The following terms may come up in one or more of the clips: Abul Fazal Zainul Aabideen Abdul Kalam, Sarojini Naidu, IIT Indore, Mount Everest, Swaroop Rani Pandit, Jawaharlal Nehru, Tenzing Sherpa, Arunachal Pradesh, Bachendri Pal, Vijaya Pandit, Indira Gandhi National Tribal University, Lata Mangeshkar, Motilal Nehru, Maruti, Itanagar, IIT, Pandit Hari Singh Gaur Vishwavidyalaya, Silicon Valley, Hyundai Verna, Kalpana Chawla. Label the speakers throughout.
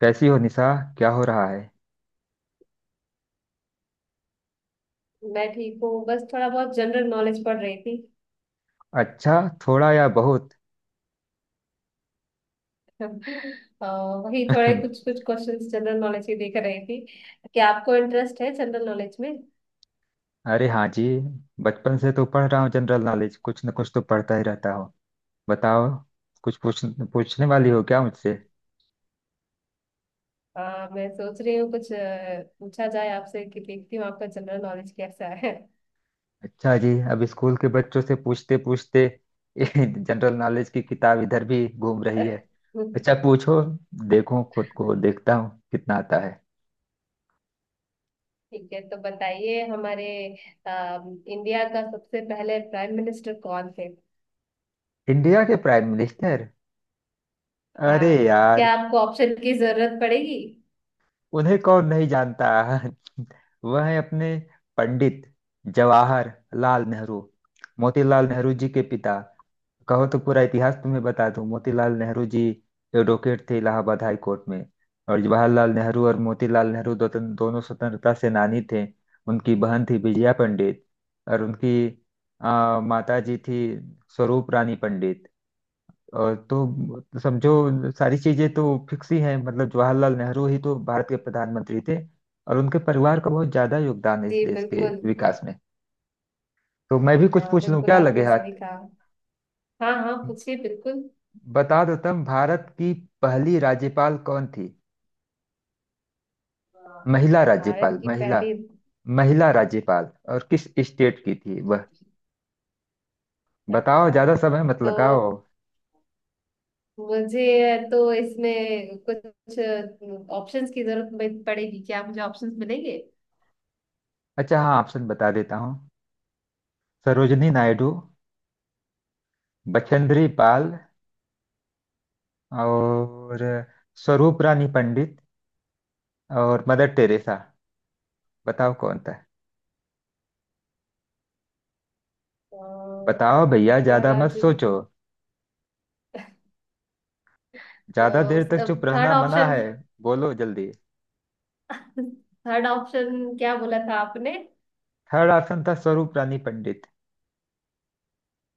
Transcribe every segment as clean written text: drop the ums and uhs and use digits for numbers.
Speaker 1: कैसी हो निशा। क्या हो रहा है।
Speaker 2: मैं ठीक हूँ, बस थोड़ा बहुत जनरल नॉलेज पढ़ रही थी।
Speaker 1: अच्छा, थोड़ा या बहुत?
Speaker 2: अ, वही थोड़े कुछ कुछ क्वेश्चंस जनरल नॉलेज के देख रही थी कि आपको इंटरेस्ट है जनरल नॉलेज में।
Speaker 1: अरे हाँ जी, बचपन से तो पढ़ रहा हूँ जनरल नॉलेज, कुछ न कुछ तो पढ़ता ही रहता हूँ। बताओ, कुछ पूछ, पूछने वाली हो क्या मुझसे?
Speaker 2: मैं सोच रही हूँ कुछ पूछा जाए आपसे कि देखती हूँ आपका जनरल नॉलेज कैसा है।
Speaker 1: अच्छा जी, अब स्कूल के बच्चों से पूछते पूछते जनरल नॉलेज की किताब इधर भी घूम रही है। अच्छा पूछो, देखो खुद को देखता हूँ कितना आता है।
Speaker 2: ठीक है, तो बताइए हमारे इंडिया का सबसे पहले प्राइम मिनिस्टर कौन थे।
Speaker 1: इंडिया के प्राइम मिनिस्टर? अरे
Speaker 2: हाँ।
Speaker 1: यार,
Speaker 2: क्या आपको ऑप्शन की जरूरत पड़ेगी।
Speaker 1: उन्हें कौन नहीं जानता। वह है अपने पंडित जवाहर लाल नेहरू, मोतीलाल नेहरू जी के पिता। कहो तो पूरा इतिहास तुम्हें बता दूं। मोतीलाल नेहरू जी एडवोकेट थे इलाहाबाद हाई कोर्ट में। और जवाहरलाल नेहरू और मोतीलाल नेहरू दो, दोनों स्वतंत्रता सेनानी थे। उनकी बहन थी विजया पंडित, और उनकी माता जी थी स्वरूप रानी पंडित। और तो मतलब समझो, सारी चीजें तो फिक्स ही हैं। मतलब जवाहरलाल नेहरू ही तो भारत के प्रधानमंत्री थे, और उनके परिवार का बहुत ज्यादा योगदान है
Speaker 2: जी
Speaker 1: इस देश के
Speaker 2: बिल्कुल।
Speaker 1: विकास में। तो मैं भी कुछ
Speaker 2: हाँ
Speaker 1: पूछ लूं
Speaker 2: बिल्कुल,
Speaker 1: क्या लगे
Speaker 2: आपने
Speaker 1: हाथ।
Speaker 2: सही कहा। हाँ हाँ, पूछिए बिल्कुल।
Speaker 1: बता दो तुम, भारत की पहली राज्यपाल कौन थी? महिला
Speaker 2: भारत
Speaker 1: राज्यपाल,
Speaker 2: की
Speaker 1: महिला।
Speaker 2: पहली।
Speaker 1: महिला राज्यपाल, और किस स्टेट की थी वह? बताओ,
Speaker 2: अच्छा,
Speaker 1: ज्यादा समय मत
Speaker 2: तो
Speaker 1: लगाओ।
Speaker 2: मुझे तो इसमें कुछ ऑप्शंस की जरूरत पड़ेगी। क्या मुझे ऑप्शंस मिलेंगे।
Speaker 1: अच्छा हाँ, ऑप्शन बता देता हूँ। सरोजनी नायडू, बचेंद्री पाल, और स्वरूप रानी पंडित, और मदर टेरेसा। बताओ कौन था।
Speaker 2: अ,
Speaker 1: बताओ भैया,
Speaker 2: पहला
Speaker 1: ज्यादा मत
Speaker 2: राज्य।
Speaker 1: सोचो। ज्यादा
Speaker 2: तो
Speaker 1: देर तक चुप
Speaker 2: थर्ड
Speaker 1: रहना मना
Speaker 2: ऑप्शन।
Speaker 1: है। बोलो जल्दी।
Speaker 2: थर्ड ऑप्शन क्या बोला था आपने।
Speaker 1: थर्ड ऑप्शन था स्वरूप रानी पंडित।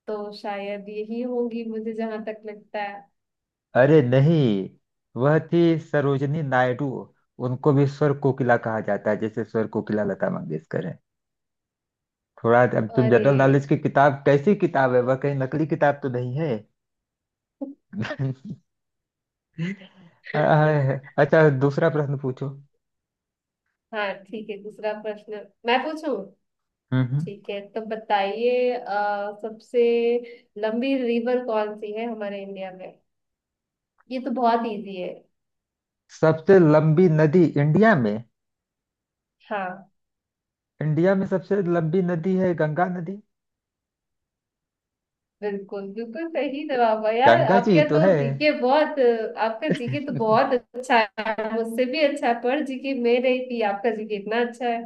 Speaker 2: तो शायद यही होंगी मुझे जहां तक लगता है।
Speaker 1: अरे नहीं, वह थी सरोजनी नायडू। उनको भी स्वर कोकिला कहा जाता है, जैसे स्वर कोकिला लता मंगेशकर है। थोड़ा अब तुम
Speaker 2: अरे।
Speaker 1: जनरल नॉलेज की किताब, कैसी किताब है वह, कहीं नकली किताब तो नहीं है? आह, अच्छा दूसरा प्रश्न पूछो। हम्म।
Speaker 2: हाँ ठीक है, दूसरा प्रश्न मैं पूछूं।
Speaker 1: हम्म।
Speaker 2: ठीक है, तो बताइए सबसे लंबी रिवर कौन सी है हमारे इंडिया में। ये तो बहुत इजी है।
Speaker 1: सबसे लंबी नदी इंडिया में?
Speaker 2: हाँ
Speaker 1: इंडिया में सबसे लंबी नदी है गंगा नदी।
Speaker 2: बिल्कुल, बिल्कुल सही जवाब है यार,
Speaker 1: गंगा जी ही
Speaker 2: आपके
Speaker 1: तो
Speaker 2: तो
Speaker 1: है।
Speaker 2: जीके बहुत। आपका जीके तो बहुत अच्छा है, मुझसे भी अच्छा है, पर जीके में नहीं थी आपका जीके इतना अच्छा है।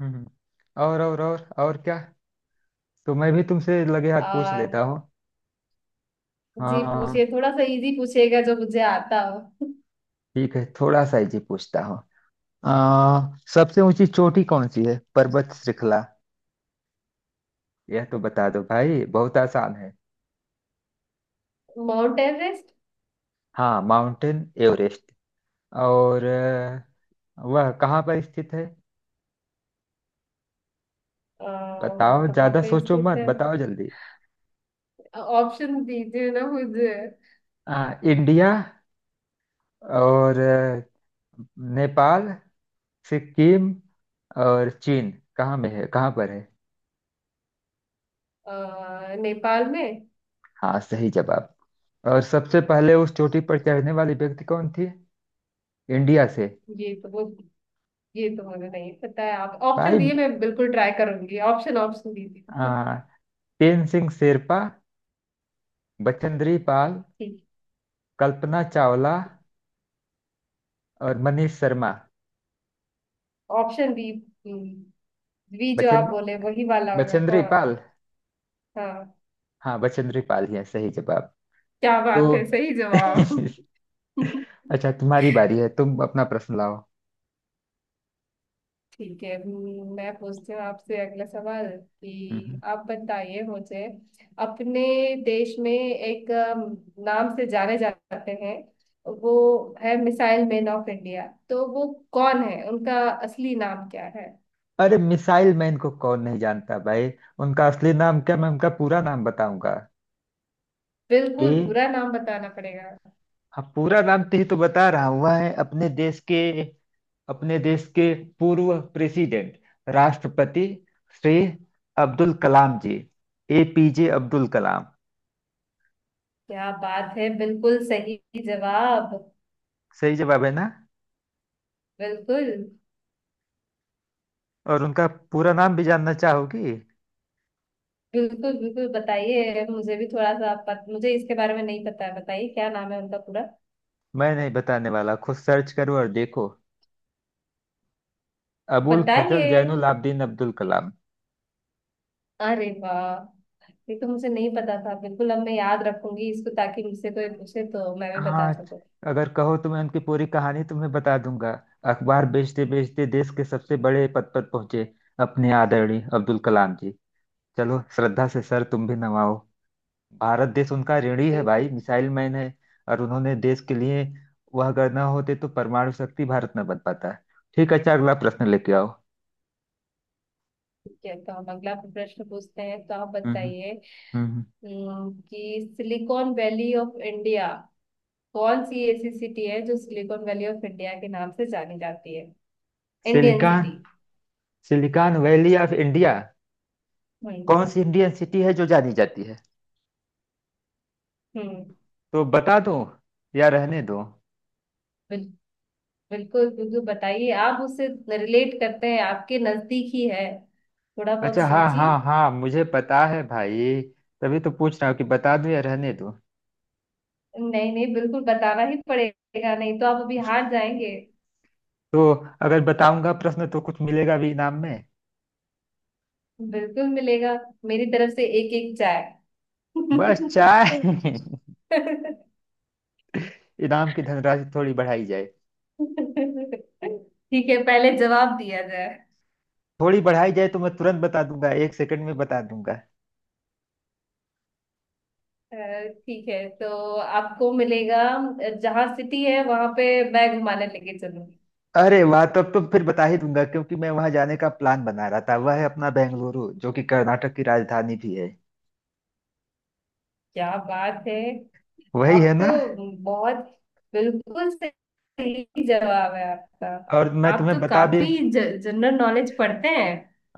Speaker 1: हम्म। और क्या, तो मैं भी तुमसे लगे हाथ पूछ
Speaker 2: आ,
Speaker 1: लेता हूँ।
Speaker 2: जी पूछिए,
Speaker 1: हाँ
Speaker 2: थोड़ा सा इजी पूछिएगा जो मुझे आता हो।
Speaker 1: ठीक है, थोड़ा सा इजी पूछता हूँ। आ, सबसे ऊंची चोटी कौन सी है, पर्वत श्रृंखला? यह तो बता दो भाई, बहुत आसान है।
Speaker 2: Mount Everest.
Speaker 1: हाँ माउंटेन एवरेस्ट। और वह कहाँ पर स्थित है?
Speaker 2: अ, वो
Speaker 1: बताओ,
Speaker 2: कहाँ
Speaker 1: ज्यादा
Speaker 2: पे
Speaker 1: सोचो
Speaker 2: स्थित
Speaker 1: मत,
Speaker 2: है।
Speaker 1: बताओ जल्दी।
Speaker 2: ऑप्शन दीजिए ना मुझे।
Speaker 1: इंडिया, और नेपाल, सिक्किम, और चीन। कहाँ में है, कहाँ पर है?
Speaker 2: नेपाल में।
Speaker 1: हाँ सही जवाब। और सबसे पहले उस चोटी पर चढ़ने वाली व्यक्ति कौन थी इंडिया से?
Speaker 2: ये तो वो, ये तो मुझे नहीं पता है। आप ऑप्शन
Speaker 1: भाई,
Speaker 2: दिए मैं बिल्कुल ट्राई करूंगी, ऑप्शन ऑप्शन दीजिए।
Speaker 1: आ, तेनसिंग शेरपा, बचेंद्री पाल,
Speaker 2: ठीक।
Speaker 1: कल्पना चावला, और Manish Sharma.
Speaker 2: Option B. B जो
Speaker 1: बचें
Speaker 2: आप बोले वही वाला होगा।
Speaker 1: बचेंद्री
Speaker 2: हाँ
Speaker 1: पाल?
Speaker 2: हाँ,
Speaker 1: हाँ बचेंद्री पाल ही है, सही जवाब।
Speaker 2: क्या बात
Speaker 1: तो
Speaker 2: है सही जवाब।
Speaker 1: अच्छा, तुम्हारी बारी है, तुम अपना प्रश्न लाओ।
Speaker 2: ठीक है। मैं पूछती हूँ आपसे अगला सवाल कि
Speaker 1: हम्म।
Speaker 2: आप बताइए मुझे, अपने देश में एक नाम से जाने जाते हैं वो है मिसाइल मैन ऑफ इंडिया। तो वो कौन है, उनका असली नाम क्या है।
Speaker 1: अरे मिसाइल मैन को कौन नहीं जानता भाई। उनका असली नाम क्या, मैं उनका पूरा नाम बताऊंगा। ए,
Speaker 2: बिल्कुल पूरा नाम बताना पड़ेगा।
Speaker 1: हाँ पूरा नाम तो ही तो बता रहा हूं, वह है अपने देश के, अपने देश के पूर्व प्रेसिडेंट, राष्ट्रपति श्री अब्दुल कलाम जी, एपीजे अब्दुल कलाम।
Speaker 2: क्या बात है बिल्कुल सही जवाब।
Speaker 1: सही जवाब है ना।
Speaker 2: बिल्कुल।
Speaker 1: और उनका पूरा नाम भी जानना चाहोगी?
Speaker 2: बिल्कुल बिल्कुल बताइए, मुझे भी थोड़ा सा मुझे इसके बारे में नहीं पता है, बताइए क्या नाम है उनका पूरा।
Speaker 1: मैं नहीं बताने वाला, खुद सर्च करो और देखो। अबुल फजल
Speaker 2: बताइए।
Speaker 1: जैनुल आबदीन अब्दुल कलाम।
Speaker 2: अरे वाह, ये तो मुझे नहीं पता था बिल्कुल। अब मैं याद रखूंगी इसको ताकि मुझसे कोई पूछे तो मैं भी बता
Speaker 1: हाँ,
Speaker 2: सकूं।
Speaker 1: अगर कहो तो मैं उनकी पूरी कहानी तुम्हें बता दूंगा। अखबार बेचते बेचते देश के सबसे बड़े पद पर पहुंचे अपने आदरणीय अब्दुल कलाम जी। चलो श्रद्धा से सर तुम भी नवाओ। भारत देश उनका ऋणी है भाई,
Speaker 2: बिल्कुल।
Speaker 1: मिसाइल मैन है। और उन्होंने देश के लिए, वह अगर ना होते तो परमाणु शक्ति भारत न बन पाता। ठीक है, अच्छा अगला प्रश्न लेके आओ।
Speaker 2: ठीक है तो हम अगला प्रश्न पूछते हैं, तो आप
Speaker 1: हम्म। हम्म।
Speaker 2: बताइए।
Speaker 1: हम्म। हम्म।
Speaker 2: कि सिलिकॉन वैली ऑफ इंडिया कौन सी ऐसी सिटी है जो सिलिकॉन वैली ऑफ इंडिया के नाम से जानी जाती है, Indian
Speaker 1: silicon
Speaker 2: city.
Speaker 1: Silicon Valley of India,
Speaker 2: हम्म।
Speaker 1: कौन सी इंडियन सिटी है जो जानी जाती है?
Speaker 2: हम्म।
Speaker 1: तो बता दो या रहने दो।
Speaker 2: बिल, बिल्कुल बिल्कुल बताइए, आप उससे रिलेट करते हैं, आपके नजदीक ही है, थोड़ा बहुत
Speaker 1: अच्छा हाँ
Speaker 2: सोचिए।
Speaker 1: हाँ हाँ, मुझे पता है भाई। तभी तो पूछ रहा हूँ कि बता दूँ या रहने दूँ।
Speaker 2: नहीं नहीं, बिल्कुल बताना ही पड़ेगा, नहीं तो आप अभी हार जाएंगे।
Speaker 1: तो अगर बताऊंगा प्रश्न, तो कुछ मिलेगा भी इनाम में?
Speaker 2: बिल्कुल मिलेगा, मेरी तरफ से एक एक चाय।
Speaker 1: बस चाय? इनाम की धनराशि थोड़ी बढ़ाई जाए।
Speaker 2: ठीक है, पहले जवाब दिया जाए।
Speaker 1: थोड़ी बढ़ाई जाए तो मैं तुरंत बता दूंगा, एक सेकंड में बता दूंगा।
Speaker 2: अ, ठीक है, तो आपको मिलेगा, जहाँ सिटी है वहां पे मैं घुमाने लेके चलूंगी।
Speaker 1: अरे वाह, तब तो फिर बता ही दूंगा, क्योंकि मैं वहां जाने का प्लान बना रहा था। वह है अपना बेंगलुरु, जो कि कर्नाटक की राजधानी भी है।
Speaker 2: क्या बात है,
Speaker 1: वही है
Speaker 2: आप
Speaker 1: ना।
Speaker 2: तो बहुत, बिल्कुल सही जवाब है आपका।
Speaker 1: और मैं
Speaker 2: आप
Speaker 1: तुम्हें
Speaker 2: तो
Speaker 1: बता भी,
Speaker 2: काफी जनरल नॉलेज पढ़ते हैं।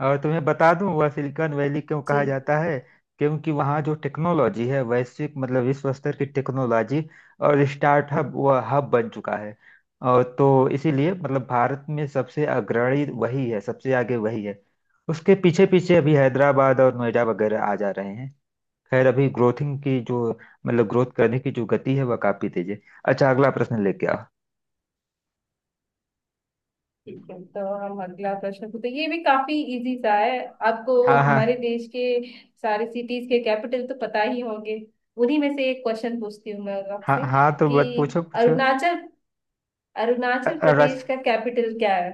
Speaker 1: और तुम्हें बता दूं, वह सिलिकॉन वैली क्यों कहा
Speaker 2: जी।
Speaker 1: जाता है। क्योंकि वहाँ जो टेक्नोलॉजी है, वैश्विक, मतलब विश्व स्तर की टेक्नोलॉजी और स्टार्टअप, वह हब बन चुका है। और तो इसीलिए, मतलब भारत में सबसे अग्रणी वही है, सबसे आगे वही है। उसके पीछे पीछे अभी हैदराबाद और नोएडा वगैरह आ जा रहे हैं। खैर, अभी ग्रोथिंग की जो, मतलब ग्रोथ करने की जो गति है, वह काफी तेज है। अच्छा अगला प्रश्न लेके आओ।
Speaker 2: ठीक है तो हम अगला प्रश्न पूछते हैं। ये भी काफी इजी सा है। आपको
Speaker 1: हाँ
Speaker 2: हमारे
Speaker 1: हाँ
Speaker 2: देश के सारे सिटीज के कैपिटल तो पता ही होंगे, उन्हीं में से एक क्वेश्चन पूछती हूँ मैं
Speaker 1: हाँ,
Speaker 2: आपसे
Speaker 1: हाँ तो
Speaker 2: कि
Speaker 1: बस पूछो पूछो।
Speaker 2: अरुणाचल,
Speaker 1: अ-
Speaker 2: अरुणाचल
Speaker 1: अ,
Speaker 2: प्रदेश
Speaker 1: रच-
Speaker 2: का कैपिटल क्या है।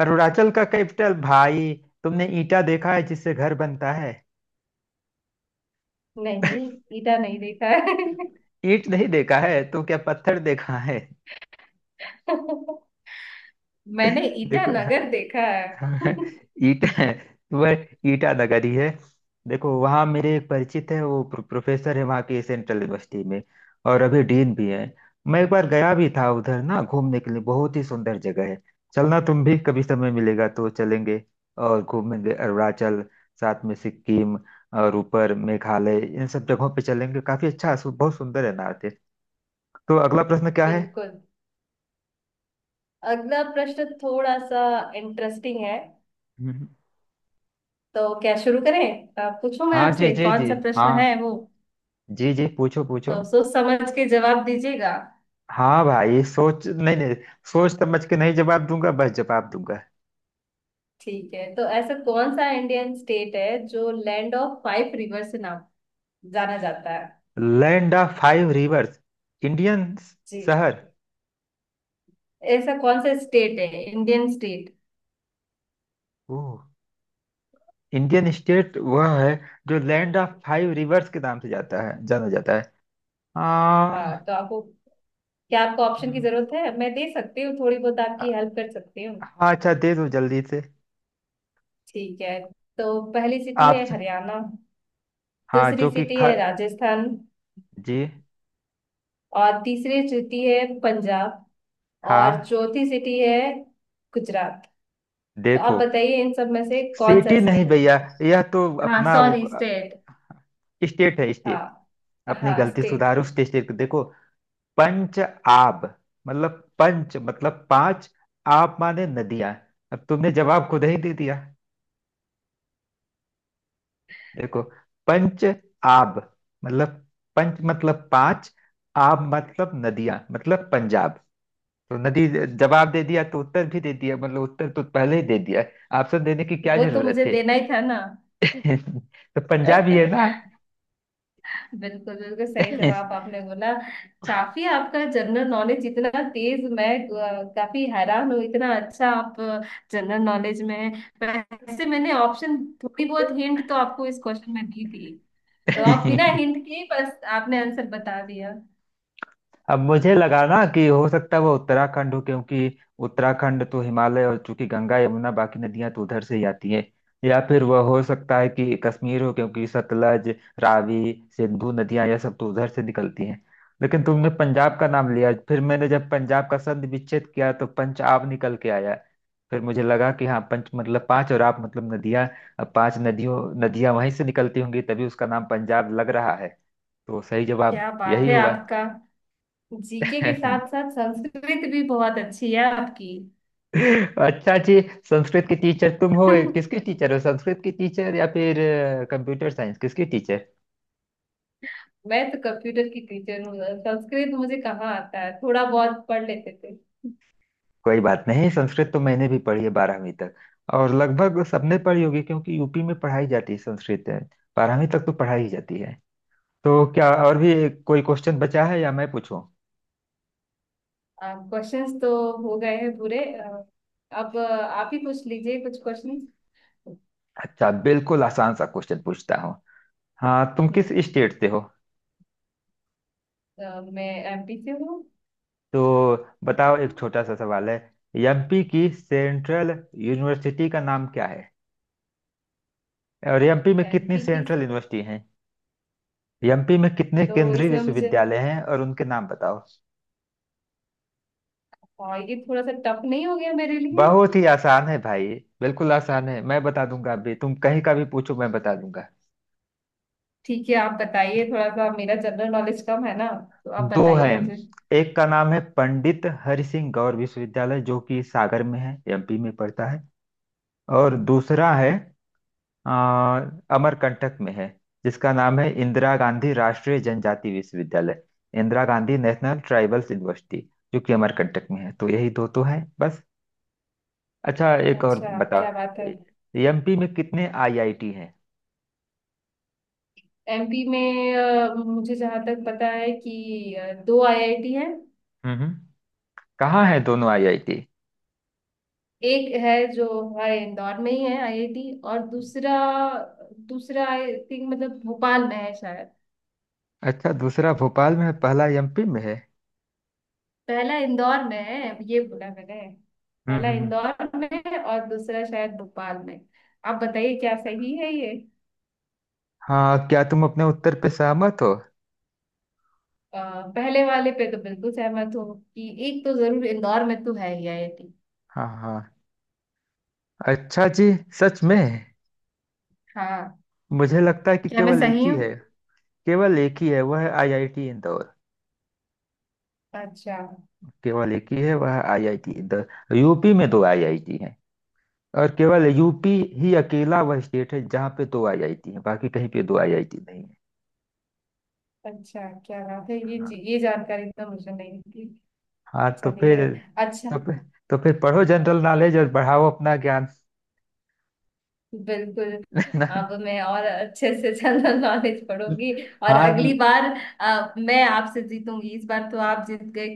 Speaker 1: अरुणाचल का कैपिटल भाई, तुमने ईटा देखा है जिससे घर बनता है?
Speaker 2: नहीं, ईटा नहीं देखा है।
Speaker 1: ईंट नहीं देखा है तो क्या पत्थर देखा है?
Speaker 2: मैंने
Speaker 1: देखो,
Speaker 2: ईटानगर देखा है।
Speaker 1: हाँ, ईटा, वह ईटा नगरी है। देखो वहाँ मेरे एक परिचित है, वो प्रोफेसर है वहाँ के सेंट्रल यूनिवर्सिटी में, और अभी डीन भी है। मैं एक बार गया भी था उधर ना, घूमने के लिए बहुत ही सुंदर जगह है। चलना, तुम भी कभी समय मिलेगा तो चलेंगे, और घूमेंगे अरुणाचल, साथ में सिक्किम, और ऊपर मेघालय, इन सब जगहों पे चलेंगे। काफी अच्छा बहुत सुंदर है नॉर्थ ईस्ट। तो अगला प्रश्न क्या है?
Speaker 2: बिल्कुल। अगला प्रश्न थोड़ा सा इंटरेस्टिंग है।
Speaker 1: हम्म।
Speaker 2: तो क्या शुरू करें, पूछूं मैं
Speaker 1: हाँ जी
Speaker 2: आपसे
Speaker 1: जी
Speaker 2: कौन
Speaker 1: जी,
Speaker 2: सा प्रश्न है
Speaker 1: हाँ
Speaker 2: वो।
Speaker 1: जी जी, पूछो पूछो।
Speaker 2: तो सोच समझ के जवाब दीजिएगा।
Speaker 1: हाँ भाई, सोच नहीं नहीं सोच समझ के नहीं जवाब दूंगा, बस जवाब दूंगा।
Speaker 2: ठीक है, तो ऐसा कौन सा इंडियन स्टेट है जो लैंड ऑफ फाइव रिवर से नाम जाना जाता है।
Speaker 1: Land of five rivers, Indian
Speaker 2: जी।
Speaker 1: शहर?
Speaker 2: ऐसा कौन सा स्टेट है, Indian state.
Speaker 1: Oh, Indian state वह है जो लैंड ऑफ फाइव रिवर्स के नाम से जाता है, जाना जाता है। आ,
Speaker 2: हाँ तो आपको, क्या आपको ऑप्शन की
Speaker 1: हम्म,
Speaker 2: जरूरत है, मैं दे सकती हूँ, थोड़ी बहुत
Speaker 1: आ-
Speaker 2: आपकी हेल्प कर सकती हूँ।
Speaker 1: हाँ अच्छा, दे दो जल्दी से।
Speaker 2: ठीक है, तो पहली सिटी
Speaker 1: आप,
Speaker 2: है हरियाणा।
Speaker 1: हाँ
Speaker 2: दूसरी
Speaker 1: जो कि
Speaker 2: सिटी
Speaker 1: ख,
Speaker 2: है राजस्थान।
Speaker 1: जी,
Speaker 2: और तीसरी सिटी है पंजाब। और
Speaker 1: हाँ।
Speaker 2: चौथी सिटी है गुजरात। तो आप
Speaker 1: देखो,
Speaker 2: बताइए इन सब में से कौन सा
Speaker 1: सिटी नहीं
Speaker 2: स्टेट।
Speaker 1: भैया, यह तो
Speaker 2: हाँ
Speaker 1: अपना
Speaker 2: सॉरी, स्टेट।
Speaker 1: स्टेट है, स्टेट।
Speaker 2: हाँ,
Speaker 1: अपनी
Speaker 2: हाँ
Speaker 1: गलती
Speaker 2: स्टेट।
Speaker 1: सुधारो, स्टेट को देखो। पंच आब, मतलब पंच मतलब पांच, आब माने नदियां। अब तुमने जवाब खुद ही दे दिया। देखो, पंच आब मतलब, पंच मतलब पांच, आब मतलब नदियां, मतलब पंजाब। तो नदी जवाब दे दिया, तो उत्तर भी दे दिया, मतलब उत्तर तो पहले ही दे दिया। ऑप्शन देने की क्या
Speaker 2: वो तो
Speaker 1: जरूरत
Speaker 2: मुझे
Speaker 1: थी?
Speaker 2: देना ही था ना।
Speaker 1: तो पंजाब ही है ना।
Speaker 2: बिल्कुल बिल्कुल सही जवाब आपने बोला। काफी आपका जनरल नॉलेज इतना तेज, मैं काफी हैरान हूँ, इतना अच्छा आप जनरल नॉलेज में हैं। वैसे मैंने ऑप्शन, थोड़ी बहुत हिंट तो आपको इस क्वेश्चन में दी थी, तो आप बिना हिंट के ही बस आपने आंसर बता दिया।
Speaker 1: अब मुझे लगा ना कि हो सकता है वो उत्तराखंड हो, क्योंकि उत्तराखंड तो हिमालय, और चूंकि गंगा यमुना बाकी नदियां तो उधर से ही आती हैं। या फिर वह हो सकता है कि कश्मीर हो, क्योंकि सतलज रावी सिंधु नदियां, यह सब तो उधर से निकलती हैं। लेकिन तुमने पंजाब का नाम लिया, फिर मैंने जब पंजाब का संधि विच्छेद किया तो पंजाब निकल के आया। फिर मुझे लगा कि हाँ, पंच मतलब पांच और आप मतलब नदियां। अब पांच नदियों, नदियां वहीं से निकलती होंगी, तभी उसका नाम पंजाब लग रहा है। तो सही जवाब
Speaker 2: क्या बात
Speaker 1: यही
Speaker 2: है,
Speaker 1: हुआ।
Speaker 2: आपका जीके के साथ साथ संस्कृत भी बहुत अच्छी है आपकी।
Speaker 1: अच्छा जी, संस्कृत की टीचर तुम हो? किसकी टीचर हो, संस्कृत की टीचर या फिर कंप्यूटर साइंस, किसकी टीचर?
Speaker 2: मैं तो कंप्यूटर की टीचर हूँ, संस्कृत मुझे कहाँ आता है, थोड़ा बहुत पढ़ लेते थे।
Speaker 1: कोई बात नहीं, संस्कृत तो मैंने भी पढ़ी है 12वीं तक, और लगभग सबने पढ़ी होगी क्योंकि यूपी में पढ़ाई जाती है संस्कृत, 12वीं तक तो पढ़ाई जाती है। तो क्या और भी कोई क्वेश्चन बचा है, या मैं पूछूं?
Speaker 2: क्वेश्चंस तो हो गए हैं पूरे, अब आप ही पूछ लीजिए कुछ क्वेश्चन।
Speaker 1: अच्छा बिल्कुल आसान सा क्वेश्चन पूछता हूँ। हाँ, तुम किस
Speaker 2: हम्म।
Speaker 1: स्टेट से हो?
Speaker 2: मैं एमपी से हूँ।
Speaker 1: तो बताओ, एक छोटा सा सवाल है। एमपी की सेंट्रल यूनिवर्सिटी का नाम क्या है, और एमपी में कितनी
Speaker 2: एमपी की,
Speaker 1: सेंट्रल यूनिवर्सिटी हैं? एमपी में कितने
Speaker 2: तो
Speaker 1: केंद्रीय
Speaker 2: इसमें मुझे,
Speaker 1: विश्वविद्यालय हैं, और उनके नाम बताओ।
Speaker 2: हाँ, ये थोड़ा सा टफ नहीं हो गया मेरे लिए।
Speaker 1: बहुत ही आसान है भाई, बिल्कुल आसान है। मैं बता दूंगा, अभी तुम कहीं का भी पूछो मैं बता दूंगा।
Speaker 2: ठीक है आप बताइए, थोड़ा सा मेरा जनरल नॉलेज कम है ना, तो आप
Speaker 1: दो
Speaker 2: बताइए
Speaker 1: हैं।
Speaker 2: मुझे।
Speaker 1: एक का नाम है पंडित हरि सिंह गौर विश्वविद्यालय, जो कि सागर में है, एमपी में पड़ता है। और दूसरा है आ, अमरकंटक में है, जिसका नाम है इंदिरा गांधी राष्ट्रीय जनजाति विश्वविद्यालय, Indira Gandhi national tribals university, जो कि अमरकंटक में है। तो यही दो तो है बस। अच्छा एक और
Speaker 2: अच्छा
Speaker 1: बता,
Speaker 2: क्या बात है।
Speaker 1: एमपी में कितने आईआईटी हैं?
Speaker 2: एमपी में मुझे जहाँ तक पता है कि दो आईआईटी है।
Speaker 1: हम्म। कहाँ हैं दोनों आईआईटी?
Speaker 2: एक है जो हमारे इंदौर में ही है आईआईटी, और दूसरा दूसरा आई थिंक मतलब भोपाल में है शायद।
Speaker 1: अच्छा, दूसरा भोपाल में है, पहला एमपी में है।
Speaker 2: पहला इंदौर में है, ये बोला मैंने।
Speaker 1: हम्म।
Speaker 2: पहला इंदौर में है और दूसरा शायद भोपाल में। आप बताइए क्या सही है ये।
Speaker 1: हाँ, क्या तुम अपने उत्तर पे सहमत हो?
Speaker 2: अ, पहले वाले पे तो बिल्कुल सहमत हूँ कि एक तो जरूर इंदौर में तो है ही आईआईटी।
Speaker 1: हाँ हाँ, अच्छा जी, सच में?
Speaker 2: हाँ।
Speaker 1: मुझे लगता है कि
Speaker 2: क्या मैं
Speaker 1: केवल एक
Speaker 2: सही
Speaker 1: ही
Speaker 2: हूँ।
Speaker 1: है। केवल एक ही है, वह है आईआईटी इंदौर।
Speaker 2: अच्छा।
Speaker 1: केवल एक ही है, वह है आईआईटी इंदौर। यूपी में दो आईआईटी हैं, और केवल यूपी ही अकेला वह स्टेट है जहाँ पे दो आईआईटी हैं, बाकी कहीं पे दो आईआईटी नहीं है।
Speaker 2: अच्छा क्या बात है ये जानकारी तो मुझे नहीं थी।
Speaker 1: हाँ तो
Speaker 2: चलिए।
Speaker 1: फिर,
Speaker 2: अच्छा।
Speaker 1: तो फिर, तो फिर पढ़ो जनरल नॉलेज और बढ़ाओ अपना ज्ञान।
Speaker 2: बिल्कुल। अब मैं और अच्छे से जनरल नॉलेज पढ़ूंगी, और अगली
Speaker 1: हाँ
Speaker 2: बार मैं आपसे जीतूंगी, इस बार तो आप जीत गए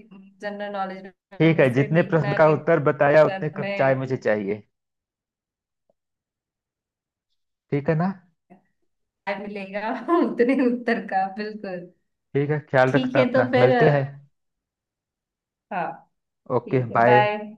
Speaker 2: जनरल नॉलेज में
Speaker 1: ठीक है,
Speaker 2: मुझसे,
Speaker 1: जितने प्रश्न
Speaker 2: देखना
Speaker 1: का
Speaker 2: अगली
Speaker 1: उत्तर बताया, उतने
Speaker 2: बार
Speaker 1: कप चाय
Speaker 2: मैं,
Speaker 1: मुझे चाहिए। ठीक है ना।
Speaker 2: क्या मिलेगा। उतने उत्तर का बिल्कुल।
Speaker 1: ठीक है, ख्याल
Speaker 2: ठीक
Speaker 1: रखना
Speaker 2: है तो
Speaker 1: अपना,
Speaker 2: फिर
Speaker 1: मिलते हैं।
Speaker 2: हाँ।
Speaker 1: ओके
Speaker 2: ठीक है,
Speaker 1: बाय।
Speaker 2: बाय।